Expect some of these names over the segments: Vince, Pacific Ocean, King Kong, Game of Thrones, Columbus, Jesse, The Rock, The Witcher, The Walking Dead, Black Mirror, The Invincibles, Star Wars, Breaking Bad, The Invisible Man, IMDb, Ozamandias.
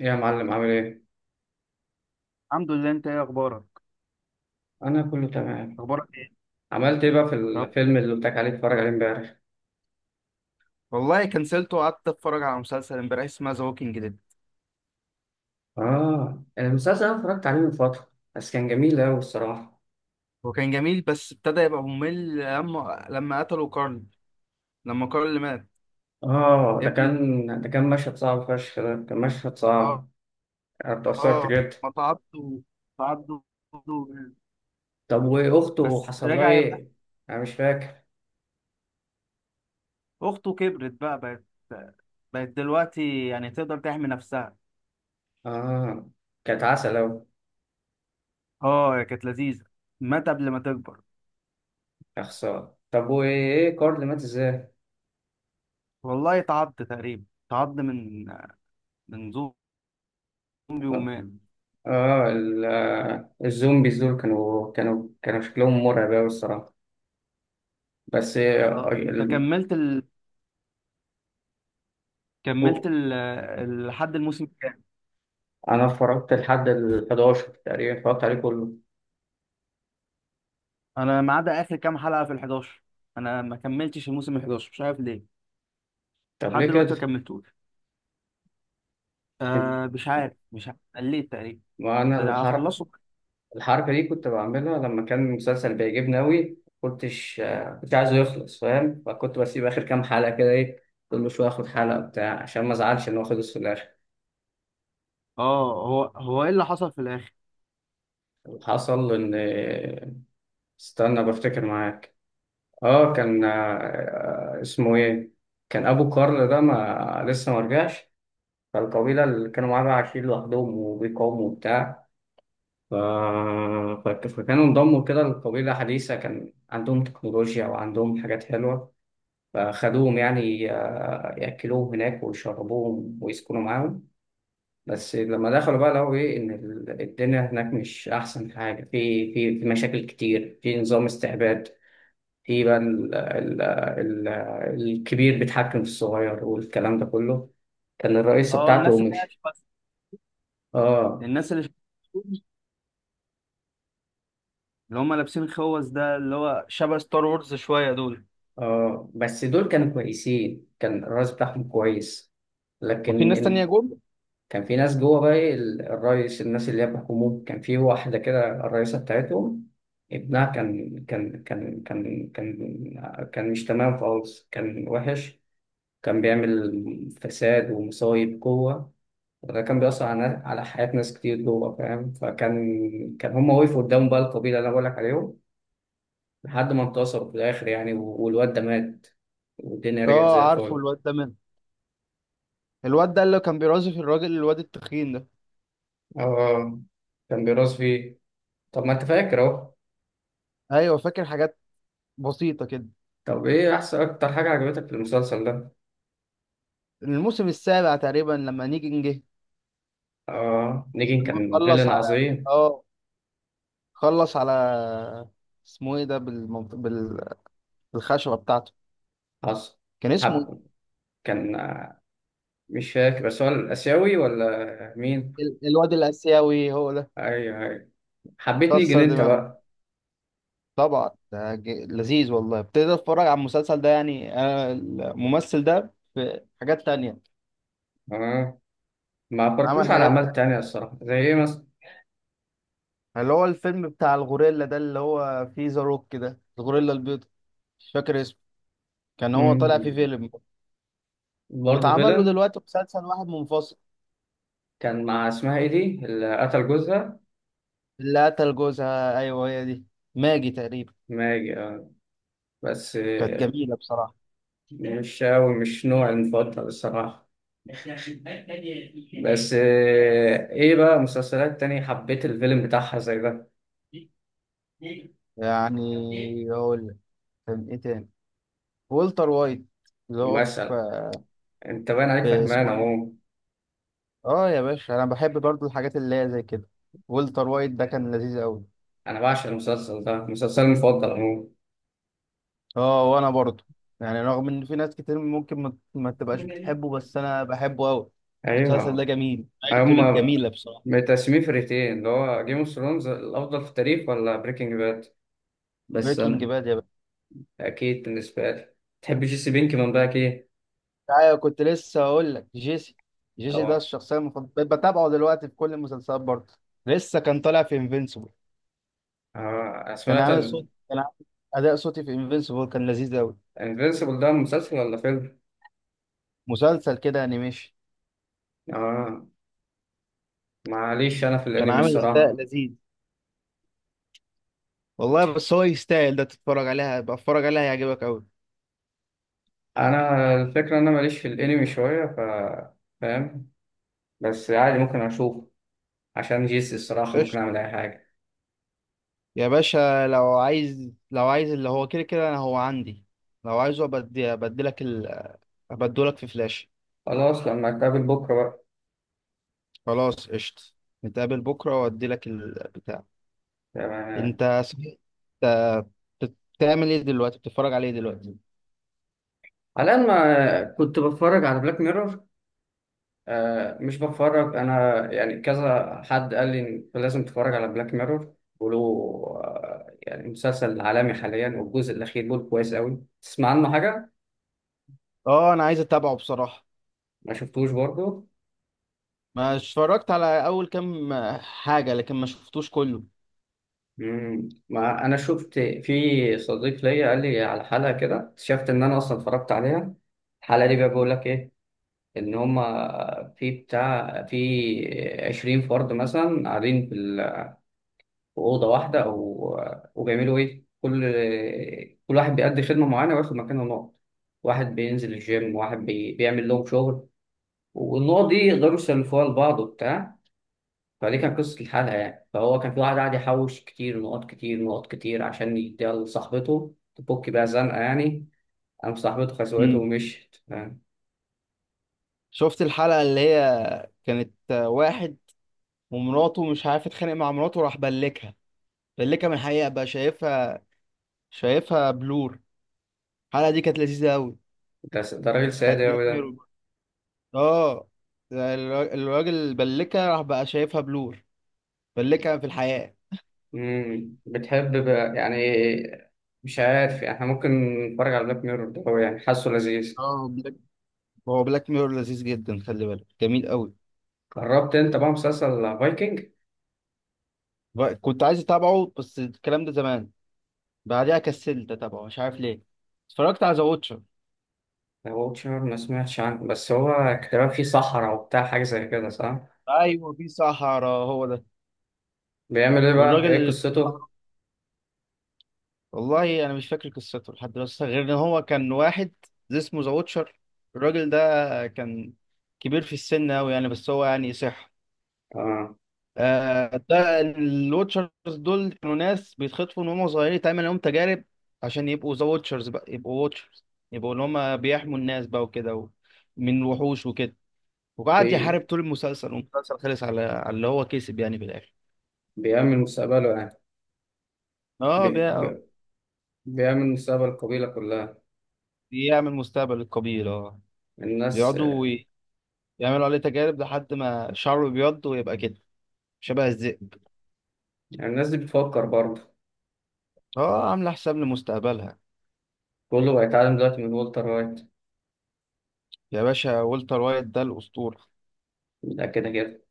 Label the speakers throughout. Speaker 1: إيه يا معلم، عامل ايه؟
Speaker 2: الحمد لله، انت ايه اخبارك؟
Speaker 1: انا كله تمام.
Speaker 2: اخبارك ايه؟
Speaker 1: عملت ايه بقى في
Speaker 2: طب،
Speaker 1: الفيلم اللي قلت لك عليه اتفرج عليه امبارح؟
Speaker 2: والله كنسلته وقعدت اتفرج على مسلسل امبارح اسمه ذا ووكينج ديد.
Speaker 1: اه، المسلسل انا اتفرجت عليه من فترة، بس كان جميل اوي الصراحة.
Speaker 2: هو كان جميل بس ابتدى يبقى ممل لما قتلوا كارل. لما كارل اللي مات.
Speaker 1: اه،
Speaker 2: يا
Speaker 1: ده
Speaker 2: ابن ال-
Speaker 1: كان ده كان مشهد صعب فشخ، ده كان مشهد
Speaker 2: اه.
Speaker 1: صعب. انا اتأثرت
Speaker 2: اه،
Speaker 1: جدا.
Speaker 2: ما تعبته تعدوا.
Speaker 1: طب واخته
Speaker 2: بس
Speaker 1: حصل لها
Speaker 2: رجع يبقى.
Speaker 1: ايه؟ انا مش فاكر.
Speaker 2: اخته كبرت، بقى بقت دلوقتي يعني تقدر تحمي نفسها.
Speaker 1: اه، كانت عسل اوي.
Speaker 2: اه، هي كانت لذيذه. مات قبل ما تكبر.
Speaker 1: يا خسارة، طب وايه كارل مات ازاي؟
Speaker 2: والله تعض تقريبا، تعض من زومبي.
Speaker 1: اه،
Speaker 2: ومات.
Speaker 1: الزومبيز دول كانوا شكلهم مرعب اوي الصراحة. بس
Speaker 2: اه، انت كملت
Speaker 1: ال-
Speaker 2: لحد الموسم الكام؟
Speaker 1: انا اتفرجت لحد ال 11 تقريبا، اتفرجت عليه كله.
Speaker 2: انا ما عدا اخر كام حلقه في ال 11. انا ما كملتش الموسم ال 11، مش عارف ليه.
Speaker 1: طب ليه
Speaker 2: لحد دلوقتي ما
Speaker 1: كده؟
Speaker 2: كملتوش. مش عارف قليت تقريبا.
Speaker 1: ما انا
Speaker 2: بس
Speaker 1: الحركه
Speaker 2: هخلصه.
Speaker 1: الحركه دي كنت بعملها لما كان المسلسل بيعجبني قوي، كنت عايزه يخلص، فاهم؟ فكنت بسيب اخر كام حلقه كده، ايه، كل شويه اخد حلقه بتاع عشان ما ازعلش ان هو خلص في الاخر.
Speaker 2: اه، هو ايه اللي حصل في الاخر؟
Speaker 1: حصل ان... استنى بفتكر معاك. اه، كان اسمه ايه، كان ابو كارل ده ما لسه ما رجعش، فالقبيله اللي كانوا معاه بقى عايشين لوحدهم وبيقاوموا وبتاع. ف... فكانوا انضموا كده لقبيلة حديثة، كان عندهم تكنولوجيا وعندهم حاجات حلوة. فخدوهم يعني يأكلوهم هناك ويشربوهم ويسكنوا معاهم. بس لما دخلوا بقى لقوا إيه، إن الدنيا هناك مش أحسن حاجة، في مشاكل كتير، في نظام استعباد، في بقى الكبير بيتحكم في الصغير والكلام ده كله. كان الرئيسة
Speaker 2: اه،
Speaker 1: بتاعته
Speaker 2: الناس اللي هي
Speaker 1: مش...
Speaker 2: شبه-
Speaker 1: اه.
Speaker 2: الناس اللي شبه- اللي هم لابسين خوذ، ده اللي هو شبه ستار وورز شويه دول.
Speaker 1: اه، بس دول كانوا كويسين، كان الرئيس بتاعهم كويس.
Speaker 2: وفي
Speaker 1: لكن
Speaker 2: ناس تانية
Speaker 1: إن...
Speaker 2: جول.
Speaker 1: كان في ناس جوه بقى، إيه، الرئيس، الناس اللي هي بيحكموه، كان في واحدة كده الرئيسة بتاعتهم، ابنها كان كان مش تمام خالص، كان وحش، كان بيعمل فساد ومصايب جوه، وده كان بيأثر على حياة ناس كتير جوه، فاهم؟ فكان هما وقفوا قدام بقى القبيلة اللي أنا بقولك عليهم لحد ما انتصر في الآخر يعني، والواد ده مات والدنيا رجعت
Speaker 2: اه،
Speaker 1: زي
Speaker 2: عارفه
Speaker 1: الفل.
Speaker 2: الواد ده منه. الواد ده اللي كان بيرازف الراجل، الواد التخين ده.
Speaker 1: اه، كان بيراث فيه. طب ما انت فاكر اهو.
Speaker 2: ايوه، فاكر حاجات بسيطة كده.
Speaker 1: طب إيه أحسن أكتر حاجة عجبتك في المسلسل ده؟
Speaker 2: الموسم السابع تقريبا لما نيجي جه.
Speaker 1: اه، نيجن
Speaker 2: لما
Speaker 1: كان
Speaker 2: خلص
Speaker 1: فيلن
Speaker 2: على
Speaker 1: عظيم.
Speaker 2: اه خلص على اسمه ايه ده، بالخشبة بتاعته.
Speaker 1: حصل.
Speaker 2: كان اسمه إيه؟
Speaker 1: حب. كان مش فاكر، بس هو الآسيوي ولا مين؟
Speaker 2: الواد الآسيوي هو ده.
Speaker 1: أيوه أيوه، حبيت نيجي
Speaker 2: كسر
Speaker 1: أنت
Speaker 2: دماغه.
Speaker 1: بقى.
Speaker 2: طبعا ده لذيذ والله، ابتديت اتفرج على المسلسل ده، يعني انا الممثل ده في حاجات تانية.
Speaker 1: اه، ما
Speaker 2: عمل
Speaker 1: عبرتلوش على
Speaker 2: حاجات
Speaker 1: أعمال
Speaker 2: تانية،
Speaker 1: تانية الصراحة، زي إيه مثلا؟
Speaker 2: اللي هو الفيلم بتاع الغوريلا ده اللي هو فيه ذا روك، ده الغوريلا البيضاء. مش فاكر اسمه. كان هو طالع في
Speaker 1: امم،
Speaker 2: فيلم.
Speaker 1: برضه
Speaker 2: واتعمل له
Speaker 1: فيلن.
Speaker 2: دلوقتي مسلسل واحد منفصل.
Speaker 1: كان مع اسمها إيه دي اللي قتل جوزها؟
Speaker 2: اللي قتل جوزها، ايوه هي دي. ماجي تقريبا.
Speaker 1: ماجي. بس
Speaker 2: كانت جميله بصراحه.
Speaker 1: مش أوي، مش نوعي المفضل الصراحة. بس إيه بقى مسلسلات تانية حبيت الفيلم بتاعها زي ده؟
Speaker 2: يعني اقول لك، كان ايه تاني. والتر وايت اللي هو
Speaker 1: مثلا
Speaker 2: في
Speaker 1: أنت باين عليك
Speaker 2: في
Speaker 1: فهمان
Speaker 2: اسمه ايه ده؟
Speaker 1: أهو.
Speaker 2: اه يا باشا، انا بحب برضو الحاجات اللي هي زي كده. والتر وايت ده كان لذيذ قوي.
Speaker 1: أنا بعشق المسلسل ده، مسلسلي المفضل أهو.
Speaker 2: اه، وانا برضو. يعني رغم ان في ناس كتير ممكن ما تبقاش بتحبه، بس انا بحبه قوي. المسلسل ده
Speaker 1: أيوه،
Speaker 2: جميل، عيلته
Speaker 1: هما
Speaker 2: الجميله بصراحه.
Speaker 1: متقسمين فرقتين، اللي هو جيم اوف ثرونز الأفضل في التاريخ ولا بريكنج باد. بس
Speaker 2: بريكنج
Speaker 1: أنا
Speaker 2: باد يا باشا.
Speaker 1: أكيد بالنسبة لي. تحب جيسي بينكمان بقى كده؟
Speaker 2: ايوه، كنت لسه هقول لك جيسي. جيسي ده
Speaker 1: أو...
Speaker 2: الشخصيه المفضله، بقيت بتابعه دلوقتي في كل المسلسلات برضه. لسه كان طالع في انفينسيبل.
Speaker 1: آه،
Speaker 2: كان
Speaker 1: سمعت.
Speaker 2: عامل صوت كان عامل اداء صوتي في انفينسيبل، كان لذيذ قوي.
Speaker 1: الانفينسيبل ده مسلسل ولا فيلم؟
Speaker 2: مسلسل كده انيميشن.
Speaker 1: آه، معليش انا في
Speaker 2: كان
Speaker 1: الانمي
Speaker 2: عامل اداء
Speaker 1: الصراحه.
Speaker 2: لذيذ. والله بس هو يستاهل، ده تتفرج عليها بقى، اتفرج عليها هيعجبك قوي.
Speaker 1: انا الفكره ان انا ماليش في الانمي شويه، ف... فاهم؟ بس عادي ممكن اشوف، عشان جيسي الصراحه ممكن
Speaker 2: قشطة.
Speaker 1: اعمل اي حاجه.
Speaker 2: يا باشا، لو عايز اللي هو كده كده انا هو عندي. لو عايزه ابدلك ابدلك في فلاش.
Speaker 1: خلاص، لما اتقابل بكره بقى.
Speaker 2: خلاص قشطة. نتقابل بكره وادي لك البتاع.
Speaker 1: تمام.
Speaker 2: انت صحيح، انت بتعمل ايه دلوقتي؟ بتتفرج عليه دلوقتي؟
Speaker 1: على الان ما كنت بتفرج على بلاك ميرور. آه، مش بتفرج انا يعني، كذا حد قال لي إن لازم تتفرج على بلاك ميرور له. آه، يعني مسلسل عالمي حاليا، والجزء الاخير بيقول كويس قوي، تسمع عنه حاجه؟
Speaker 2: اه، انا عايز اتابعه بصراحه.
Speaker 1: ما شفتوش برضه.
Speaker 2: ما اتفرجت على اول كام حاجة، لكن ما شفتوش كله.
Speaker 1: مم. ما انا شفت في صديق ليا قال لي على حلقه كده، اكتشفت ان انا اصلا اتفرجت عليها، الحلقه دي بقى بيقول لك ايه، ان هما في بتاع في 20 فرد مثلا قاعدين في في اوضه واحده، او وبيعملوا ايه، كل واحد بيأدي خدمه معينه وياخد مكانه نقط، واحد بينزل الجيم، واحد بيعمل لهم شغل، والنقط دي يقدروا يسلفوها لبعض وبتاع، فدي كانت قصة الحلقة يعني. فهو كان في واحد قاعد يحوش كتير نقط، كتير نقط كتير، عشان يديها لصاحبته تفك بيها زنقة يعني، قام صاحبته خسوته
Speaker 2: امم
Speaker 1: ومشيت، فاهم؟
Speaker 2: شفت الحلقة اللي هي كانت واحد ومراته، مش عارف اتخانق مع مراته، راح بلكها. بلكها من الحقيقة، بقى شايفها. شايفها بلور. الحلقة دي كانت لذيذة قوي.
Speaker 1: ده راجل
Speaker 2: بتاعت
Speaker 1: سادة
Speaker 2: بلاك
Speaker 1: أوي ده.
Speaker 2: ميرور. اه، الراجل بلكها، راح بقى شايفها بلور. بلكها في الحقيقة.
Speaker 1: مم. بتحب بقى يعني، مش عارف يعني، احنا ممكن نتفرج على بلاك ميرور ده، هو يعني حاسه لذيذ.
Speaker 2: اه، هو بلاك ميرور لذيذ جدا، خلي بالك جميل قوي.
Speaker 1: جربت انت بقى مسلسل فايكنج؟
Speaker 2: كنت عايز اتابعه بس الكلام ده زمان. بعدها كسلت اتابعه، مش عارف ليه. اتفرجت على ذا ووتشر.
Speaker 1: ذا ووتشر ما سمعتش عنه، بس هو كان فيه صحراء وبتاع حاجة زي كده، صح؟
Speaker 2: ايوه، في صحراء، هو ده.
Speaker 1: بيعمل ايه بقى؟ ايه
Speaker 2: والراجل،
Speaker 1: قصته؟
Speaker 2: والله انا مش فاكر قصته لحد دلوقتي غير ان هو كان واحد. اسمه ذا ووتشر. الراجل ده كان كبير في السن قوي يعني، بس هو يعني صح.
Speaker 1: اه
Speaker 2: ده الواتشرز دول كانوا ناس بيتخطفوا من هم صغيرين، يتعمل لهم تجارب عشان يبقوا ذا واتشرز، بقى يبقوا واتشرز، يبقوا اللي هم بيحموا الناس بقى وكده من الوحوش وكده. وقعد يحارب
Speaker 1: بي...
Speaker 2: طول المسلسل، والمسلسل خلص على اللي هو كسب يعني في الاخر.
Speaker 1: بيعمل مستقبله يعني.
Speaker 2: اه،
Speaker 1: بي... بيعمل مستقبل القبيلة كلها،
Speaker 2: بيعمل مستقبل القبيل، اه.
Speaker 1: الناس.
Speaker 2: بيقعدوا يعملوا عليه تجارب لحد ما شعره بيبيض ويبقى كده، شبه الذئب.
Speaker 1: يعني الناس دي بتفكر برضه،
Speaker 2: اه، عامله حساب لمستقبلها.
Speaker 1: كله بيتعلم دلوقتي من والتر وايت.
Speaker 2: يا باشا، والتر وايت ده الاسطوره.
Speaker 1: ده كده كده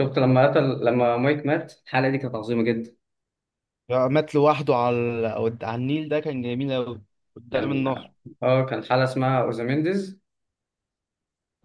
Speaker 1: شفت لما قتل لما مايك مات، الحلقة دي كانت عظيمة جدا.
Speaker 2: مات لوحده على النيل، ده كان جميل أوي. قدام
Speaker 1: كان...
Speaker 2: النهر.
Speaker 1: اه كان حلقة اسمها اوزامينديز،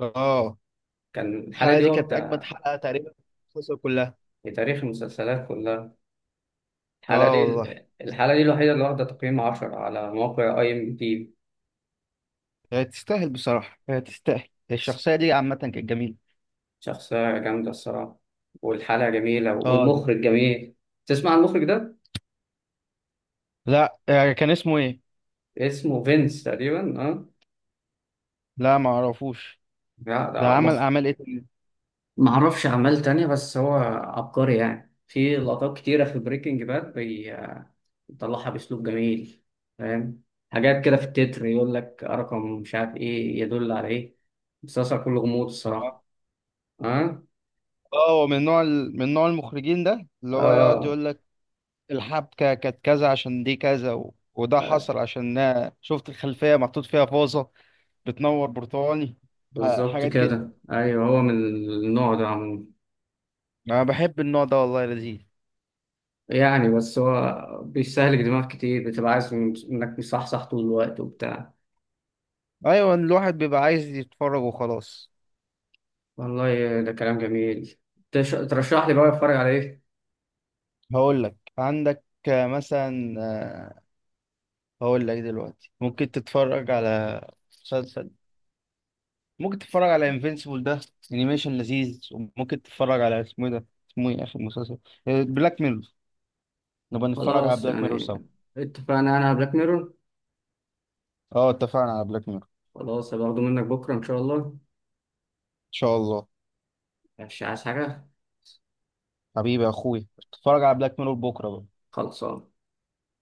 Speaker 2: اه،
Speaker 1: كان الحلقة
Speaker 2: الحلقة
Speaker 1: دي
Speaker 2: دي كانت أجمد
Speaker 1: واخدة
Speaker 2: حلقة تقريبا في المسلسل كلها.
Speaker 1: في تاريخ المسلسلات كلها. الحلقة
Speaker 2: اه
Speaker 1: دي
Speaker 2: والله.
Speaker 1: الحلقة دي الوحيدة اللي واخدة تقييم 10 على موقع IMDB.
Speaker 2: هي تستاهل بصراحة، هي تستاهل، الشخصية دي عامة كانت جميلة.
Speaker 1: شخصية جامدة الصراحة، والحلقة جميلة
Speaker 2: اه، دي.
Speaker 1: والمخرج جميل. تسمع عن المخرج ده؟
Speaker 2: لا، كان اسمه ايه؟
Speaker 1: اسمه فينس تقريبا، اه.
Speaker 2: لا، ما اعرفوش.
Speaker 1: لا
Speaker 2: ده
Speaker 1: ده
Speaker 2: عمل
Speaker 1: مخرج،
Speaker 2: اعمال ايه تاني؟
Speaker 1: معرفش أعمال تانية، بس هو عبقري يعني، في لقطات كتيرة في بريكنج باد بيطلعها بأسلوب جميل، فاهم؟ حاجات كده في التتر يقول لك رقم مش عارف إيه يدل على إيه، مسلسل كله غموض
Speaker 2: اه،
Speaker 1: الصراحة. أه؟
Speaker 2: هو من نوع المخرجين ده، اللي هو يقعد
Speaker 1: آه،
Speaker 2: يقول لك الحبكة كانت كذا عشان دي كذا، وده حصل عشان شفت الخلفية محطوط فيها فازة بتنور برتقاني.
Speaker 1: بالظبط
Speaker 2: حاجات كده.
Speaker 1: كده. أيوه هو من النوع ده عموما،
Speaker 2: انا بحب النوع ده والله لذيذ.
Speaker 1: يعني بس هو بيستهلك دماغ كتير، بتبقى عايز إنك مصحصح طول الوقت وبتاع.
Speaker 2: ايوه، الواحد بيبقى عايز يتفرج وخلاص.
Speaker 1: والله ده كلام جميل. ترشح لي بقى أتفرج على إيه؟
Speaker 2: هقول لك عندك. مثلا هقول لك دلوقتي ممكن تتفرج على مسلسل. ممكن تتفرج على انفينسيبل ده، انيميشن لذيذ. وممكن تتفرج على اسمه ايه ده، اسمه ايه اخر مسلسل، بلاك ميرور. نبقى نتفرج على
Speaker 1: خلاص
Speaker 2: بلاك ميرور
Speaker 1: يعني
Speaker 2: سوا.
Speaker 1: اتفقنا، انا على بلاك ميرور.
Speaker 2: اه، اتفقنا على بلاك ميرور، ان
Speaker 1: خلاص، هبقى منك بكره ان شاء الله.
Speaker 2: شاء الله.
Speaker 1: مش عايز حاجه.
Speaker 2: حبيبي يا اخوي، اتفرج على بلاك ميرور بكره بقى.
Speaker 1: خلصان.